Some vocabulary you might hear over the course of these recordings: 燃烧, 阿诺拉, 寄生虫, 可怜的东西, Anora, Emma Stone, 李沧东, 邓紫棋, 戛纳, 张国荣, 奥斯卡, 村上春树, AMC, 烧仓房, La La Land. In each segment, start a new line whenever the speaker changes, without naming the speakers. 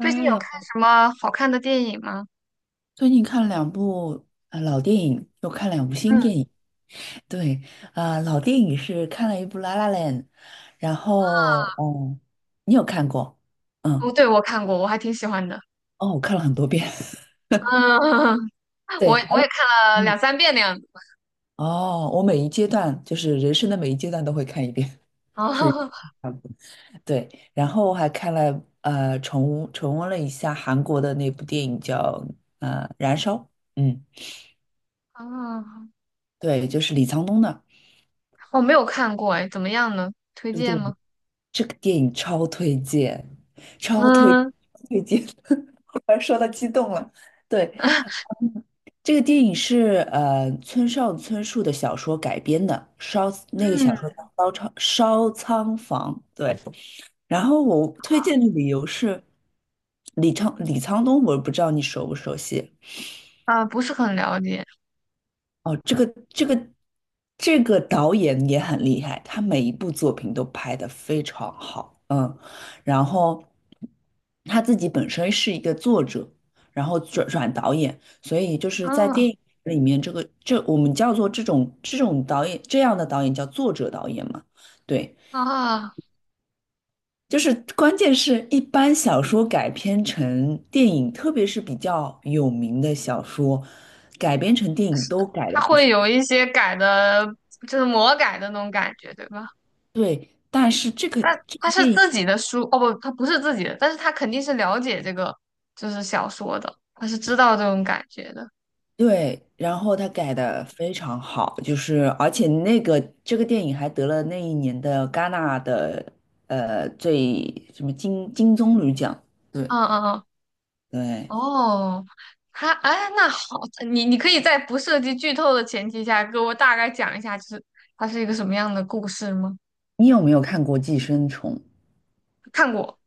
最近有看
楼，
什么好看的电影吗？
最近看了两部老电影，又看两部新
嗯，啊，
电影。对，老电影是看了一部《La La Land》，然后哦，你有看过？
哦，
嗯，
对，我看过，我还挺喜欢的。
哦，我看了很多遍。
嗯，我
对，还
我
有
也看了
嗯
两三遍那样子。
哦，我每一阶段就是人生的每一阶段都会看一遍，属于
哦。
差不多对。然后我还看了重重温了一下韩国的那部电影叫呃《燃烧》，嗯，
哦，
对，就是李沧东的
我没有看过，哎，怎么样呢？推
这个
荐
电影。
吗？
这个电影超推荐，超推
嗯
推荐，忽然说到激动了。对，这个电影是村上春树的小说改编的，烧那个小
嗯，
说叫烧仓房》。对，然后我推荐的理由是李沧东，我不知道你熟不熟悉。
啊，不是很了解。
哦，这个导演也很厉害，他每一部作品都拍得非常好，嗯，然后他自己本身是一个作者，然后转导演，所以就是在
嗯，
电影里面，这个这我们叫做这种导演这样的导演叫作者导演嘛，对，
啊，
就是关键是一般小说改编成电影，特别是比较有名的小说，改编成电影都改了
他
不
会
少。
有一些改的，就是魔改的那种感觉，对吧？
对，但是
但
这
他
个
是
电影
自己的书，哦不，他不是自己的，但是他肯定是了解这个就是小说的，他是知道这种感觉的。
对，然后他改的非常好，就是而且那个这个电影还得了那一年的戛纳的最什么金棕榈奖。对
嗯嗯嗯。
对，
哦，他哎，那好，你可以在不涉及剧透的前提下，给我大概讲一下，就是它是一个什么样的故事吗？
你有没有看过《寄生虫》？
看过。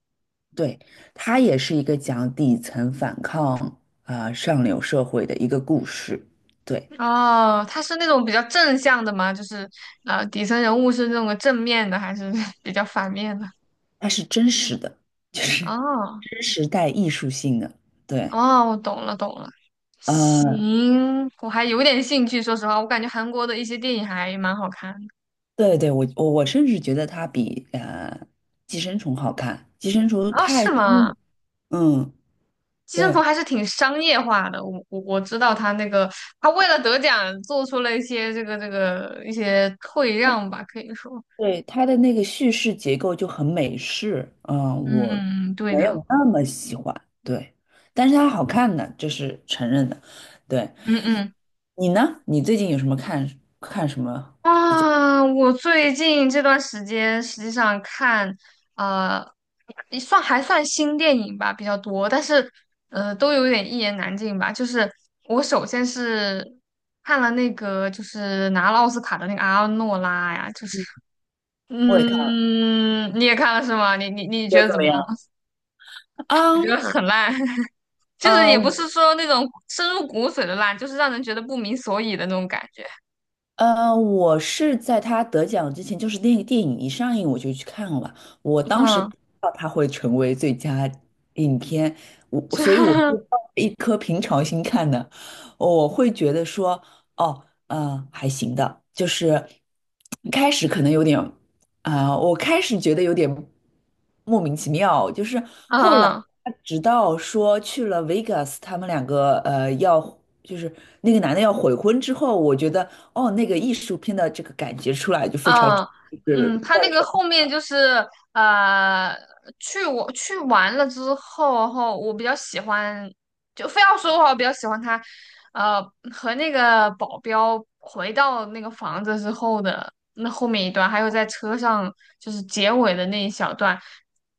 对，它也是一个讲底层反抗啊、上流社会的一个故事。对，
哦，它是那种比较正向的吗？就是底层人物是那种正面的，还是 比较反面的？
它是真实的，就是
哦
真实带艺术性的。对，
哦，我懂了懂了，
呃
行，我还有点兴趣，说实话，我感觉韩国的一些电影还蛮好看的。
对对，我甚至觉得它比寄生虫》好看，《寄生虫》
哦，是吗？
嗯嗯
寄生虫
对
还是挺商业化的，我知道他那个，他为了得奖做出了一些这个一些退让吧，可以说，
对，它的那个叙事结构就很美式，嗯，
嗯
我
嗯嗯，对
没
的，
有那么喜欢，对，但是它好看的，这是承认的。对
嗯嗯。
你呢？你最近有什么看什么？
啊，我最近这段时间实际上看，呃，也算还算新电影吧比较多，但是都有点一言难尽吧。就是我首先是看了那个就是拿了奥斯卡的那个阿诺拉呀，就是
我也看了，
嗯，你也看了是吗？你
觉
觉
得
得
怎
怎
么
么样？
样？
我
啊，
觉得很烂，就是也不
呃，
是说那种深入骨髓的烂，就是让人觉得不明所以的那种感觉。
我是在他得奖之前，就是那个电影一上映我就去看了。我当时不
嗯，
知道他会成为最佳影片，
就
所以我是抱着一颗平常心看的。我会觉得说，哦，还行的，就是一开始可能有点。我开始觉得有点莫名其妙，就是
嗯
后来
嗯。
他直到说去了 Vegas,他们两个就是那个男的要悔婚之后，我觉得哦，那个艺术片的这个感觉出来就非常就
嗯
是
嗯，他那
乱
个
成。
后面就是呃，去完了之后，后我比较喜欢，就非要说的话，我比较喜欢他，呃，和那个保镖回到那个房子之后的那后面一段，还有在车上就是结尾的那一小段。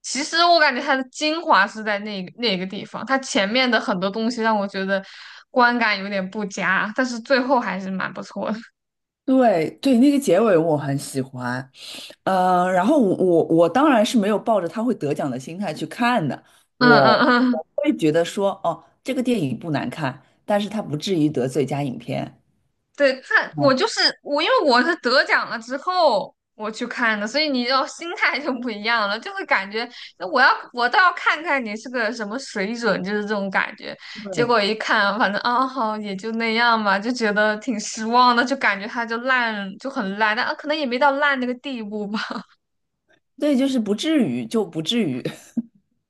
其实我感觉它的精华是在那个地方，它前面的很多东西让我觉得观感有点不佳，但是最后还是蛮不错的。
对对，那个结尾我很喜欢，呃，然后我当然是没有抱着他会得奖的心态去看的，
嗯
我
嗯嗯。
我会觉得说哦，这个电影不难看，但是他不至于得最佳影片。
对他，我就
嗯。
是我，因为我是得奖了之后我去看的，所以你要心态就不一样了，就会感觉我倒要看看你是个什么水准，就是这种感觉。结果一看，反正啊好也就那样吧，就觉得挺失望的，就感觉它就烂就很烂，但啊可能也没到烂那个地步吧。
对，就是不至于，就不至于，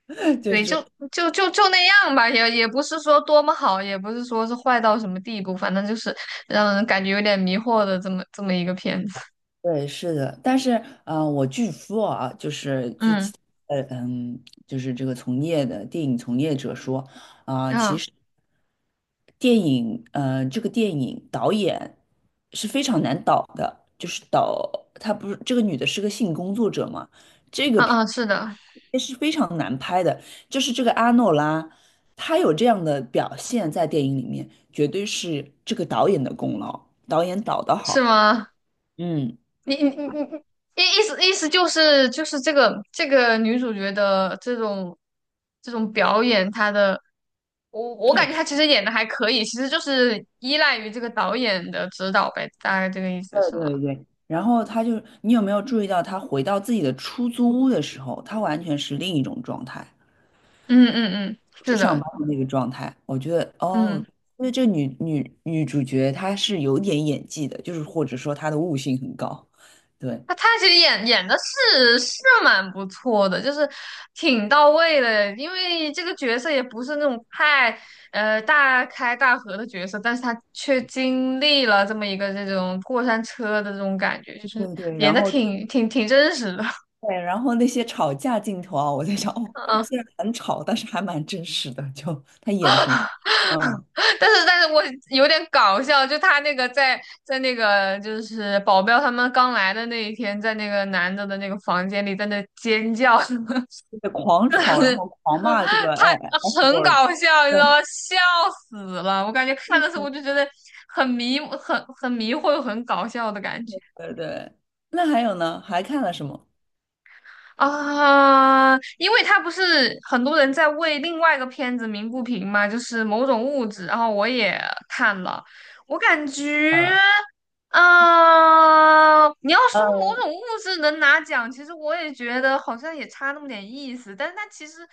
就
对，就
是
就就就那样吧，也也不是说多么好，也不是说是坏到什么地步，反正就是让人感觉有点迷惑的这么一个片子。
对，是的。但是，呃，我据说啊，就是据
嗯。
其呃嗯，就是这个从业的电影从业者说，
啊。
这个电影导演是非常难导的，就是导她不是这个女的是个性工作者嘛，这个
啊
片
啊，是的，
是非常难拍的。就是这个阿诺拉，她有这样的表现在电影里面，绝对是这个导演的功劳，导演导得
是
好。
吗？
嗯，
你意思就是这个女主角的这种表演，她的我感觉她
对
其实演的还可以，其实就是依赖于这个导演的指导呗，大概这个意思是吗？
对。然后他就，你有没有注意到他回到自己的出租屋的时候，他完全是另一种状态，
嗯嗯嗯，是
是上班
的，
的那个状态。我觉得，哦，
嗯。
因为这女主角她是有点演技的，就是或者说她的悟性很高。对
他其实演的是蛮不错的，就是挺到位的，因为这个角色也不是那种太大开大合的角色，但是他却经历了这么一个这种过山车的这种感觉，就是
对对，
演
然
的
后对，
挺真实的，
然后那些吵架镜头啊，我在想，哦，
嗯，
虽然很吵，但是还蛮真实的，就她演的很，嗯，
但是我有点搞笑，就他那个在那个就是保镖他们刚来的那一天，在那个男的的那个房间里在那尖叫什么。
就是狂吵，然后 狂骂这个哎 F
很
word。
搞笑，你知
对
道吗？笑死了！我感觉看的时候我就觉得很迷，很迷惑，很搞笑的感觉。
对对，那还有呢？还看了什么？
啊，因为他不是很多人在为另外一个片子鸣不平嘛，就是某种物质，然后我也看了，我感觉，嗯、你要说某
呃，
种物质能拿奖，其实我也觉得好像也差那么点意思，但是它其实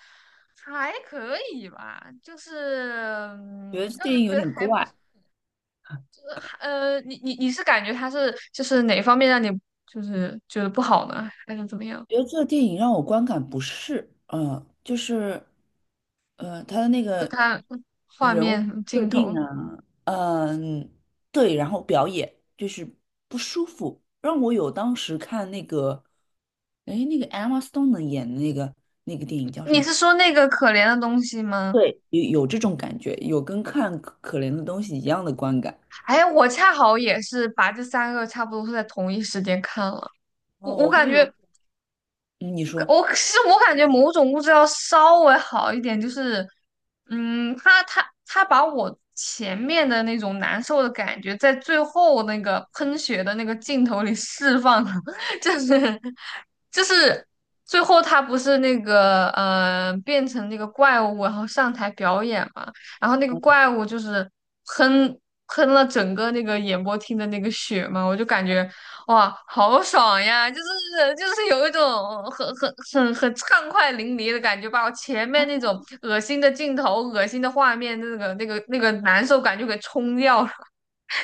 还可以吧，就是
觉得这
让
电
人
影有
觉得
点
还不错。
怪，
你是感觉它是就是哪方面让你就是觉得不好呢，还是怎么样？
觉得这个电影让我观感不适。嗯，就是，呃，他的那个
看画
人物
面
设
镜
定
头。
啊，嗯，对，然后表演就是不舒服，让我有当时看那个，哎，那个 Emma Stone 的演的那个那个电影叫什
你
么？
是说那个可怜的东西吗？
对，有有这种感觉，有跟看可怜的东西一样的观感。
哎，我恰好也是把这三个差不多是在同一时间看了。我
哦，
我
我
感
会有，
觉
嗯你说。
我感觉某种物质要稍微好一点，就是，嗯，他把我前面的那种难受的感觉，在最后那个喷血的那个镜头里 释放了，就是就是最后他不是那个变成那个怪物，然后上台表演嘛，然后那个怪物就是喷喷了整个那个演播厅的那个血嘛，我就感觉哇，好爽呀！有一种很畅快淋漓的感觉，把我前面那种恶心的镜头、恶心的画面、那个难受感就给冲掉了。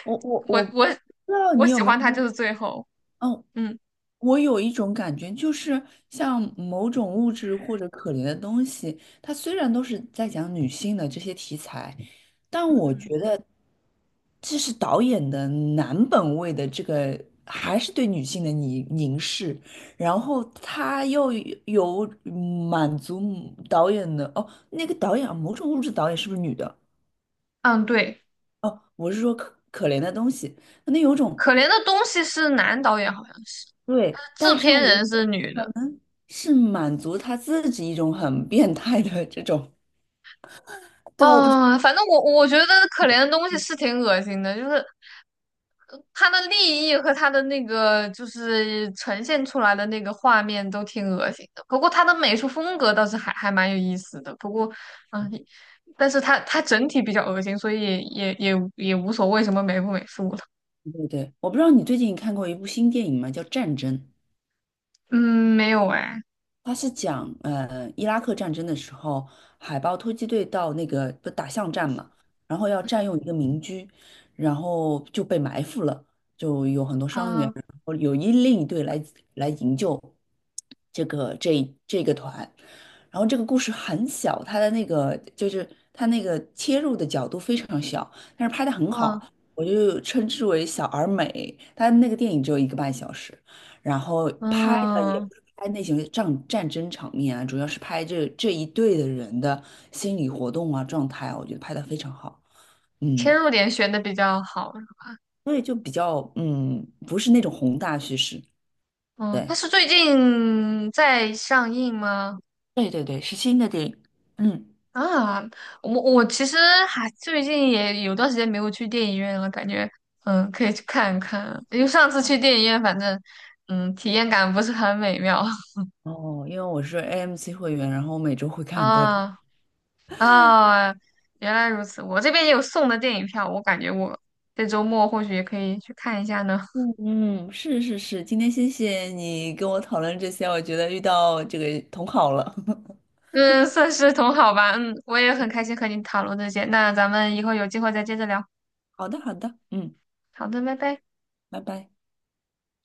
我
我
不
我
知道
我
你有
喜
没有
欢他就
说，
是最后，
嗯，
嗯
我有一种感觉，就是像某种物质或者可怜的东西，它虽然都是在讲女性的这些题材，这是导演的男本位的这个，还是对女性的凝视，然后他又有满足导演的，哦，那个导演啊某种物质导演是不是女的？
嗯，对，
哦，我是说可怜的东西，那有种
可怜的东西是男导演好像是，
对，
但是
但
制
是
片
我。
人是女的。
是满足他自己一种很变态的这种。对，我不知，
啊，反正我觉得可怜的东西是挺恶心的，就是它的利益和它的那个就是呈现出来的那个画面都挺恶心的，不过它的美术风格倒是还蛮有意思的。不过，嗯，但是它整体比较恶心，所以也无所谓什么美不美术了。
对对，我不知道你最近看过一部新电影吗？叫《战争》。
嗯，没有哎，
他是讲，呃，伊拉克战争的时候，海豹突击队到那个不打巷战嘛，然后要占用一个民居，然后就被埋伏了，就有很多伤员，
啊，
然后另一队来来营救这个团，然后这个故事很小，他的那个就是他那个切入的角度非常小，但是拍的很
嗯
好，我就称之为小而美。他那个电影只有一个半小时。然后拍的也
嗯，
不是拍那些战争场面啊，主要是拍这一队的人的心理活动啊、状态啊，我觉得拍的非常好。嗯，
切入点选的比较好。
所以就比较嗯，不是那种宏大叙事。
嗯，它
对，
是最近在上映吗？
对对对，是新的电影。嗯，
啊，我其实还最近也有段时间没有去电影院了，感觉可以去看一看，因为上次去电影院，反正体验感不是很美妙。
哦，因为我是 AMC 会员，然后我每周会 看很多电影。
啊啊，原来如此，我这边也有送的电影票，我感觉我这周末或许也可以去看一下呢。
嗯嗯，是是是，今天谢谢你跟我讨论这些，我觉得遇到这个同好了。
嗯，算是同好吧，嗯，我也很开心和你讨论这些，那咱们以后有机会再接着聊。
好的好的，嗯，
好的，拜拜。
拜拜。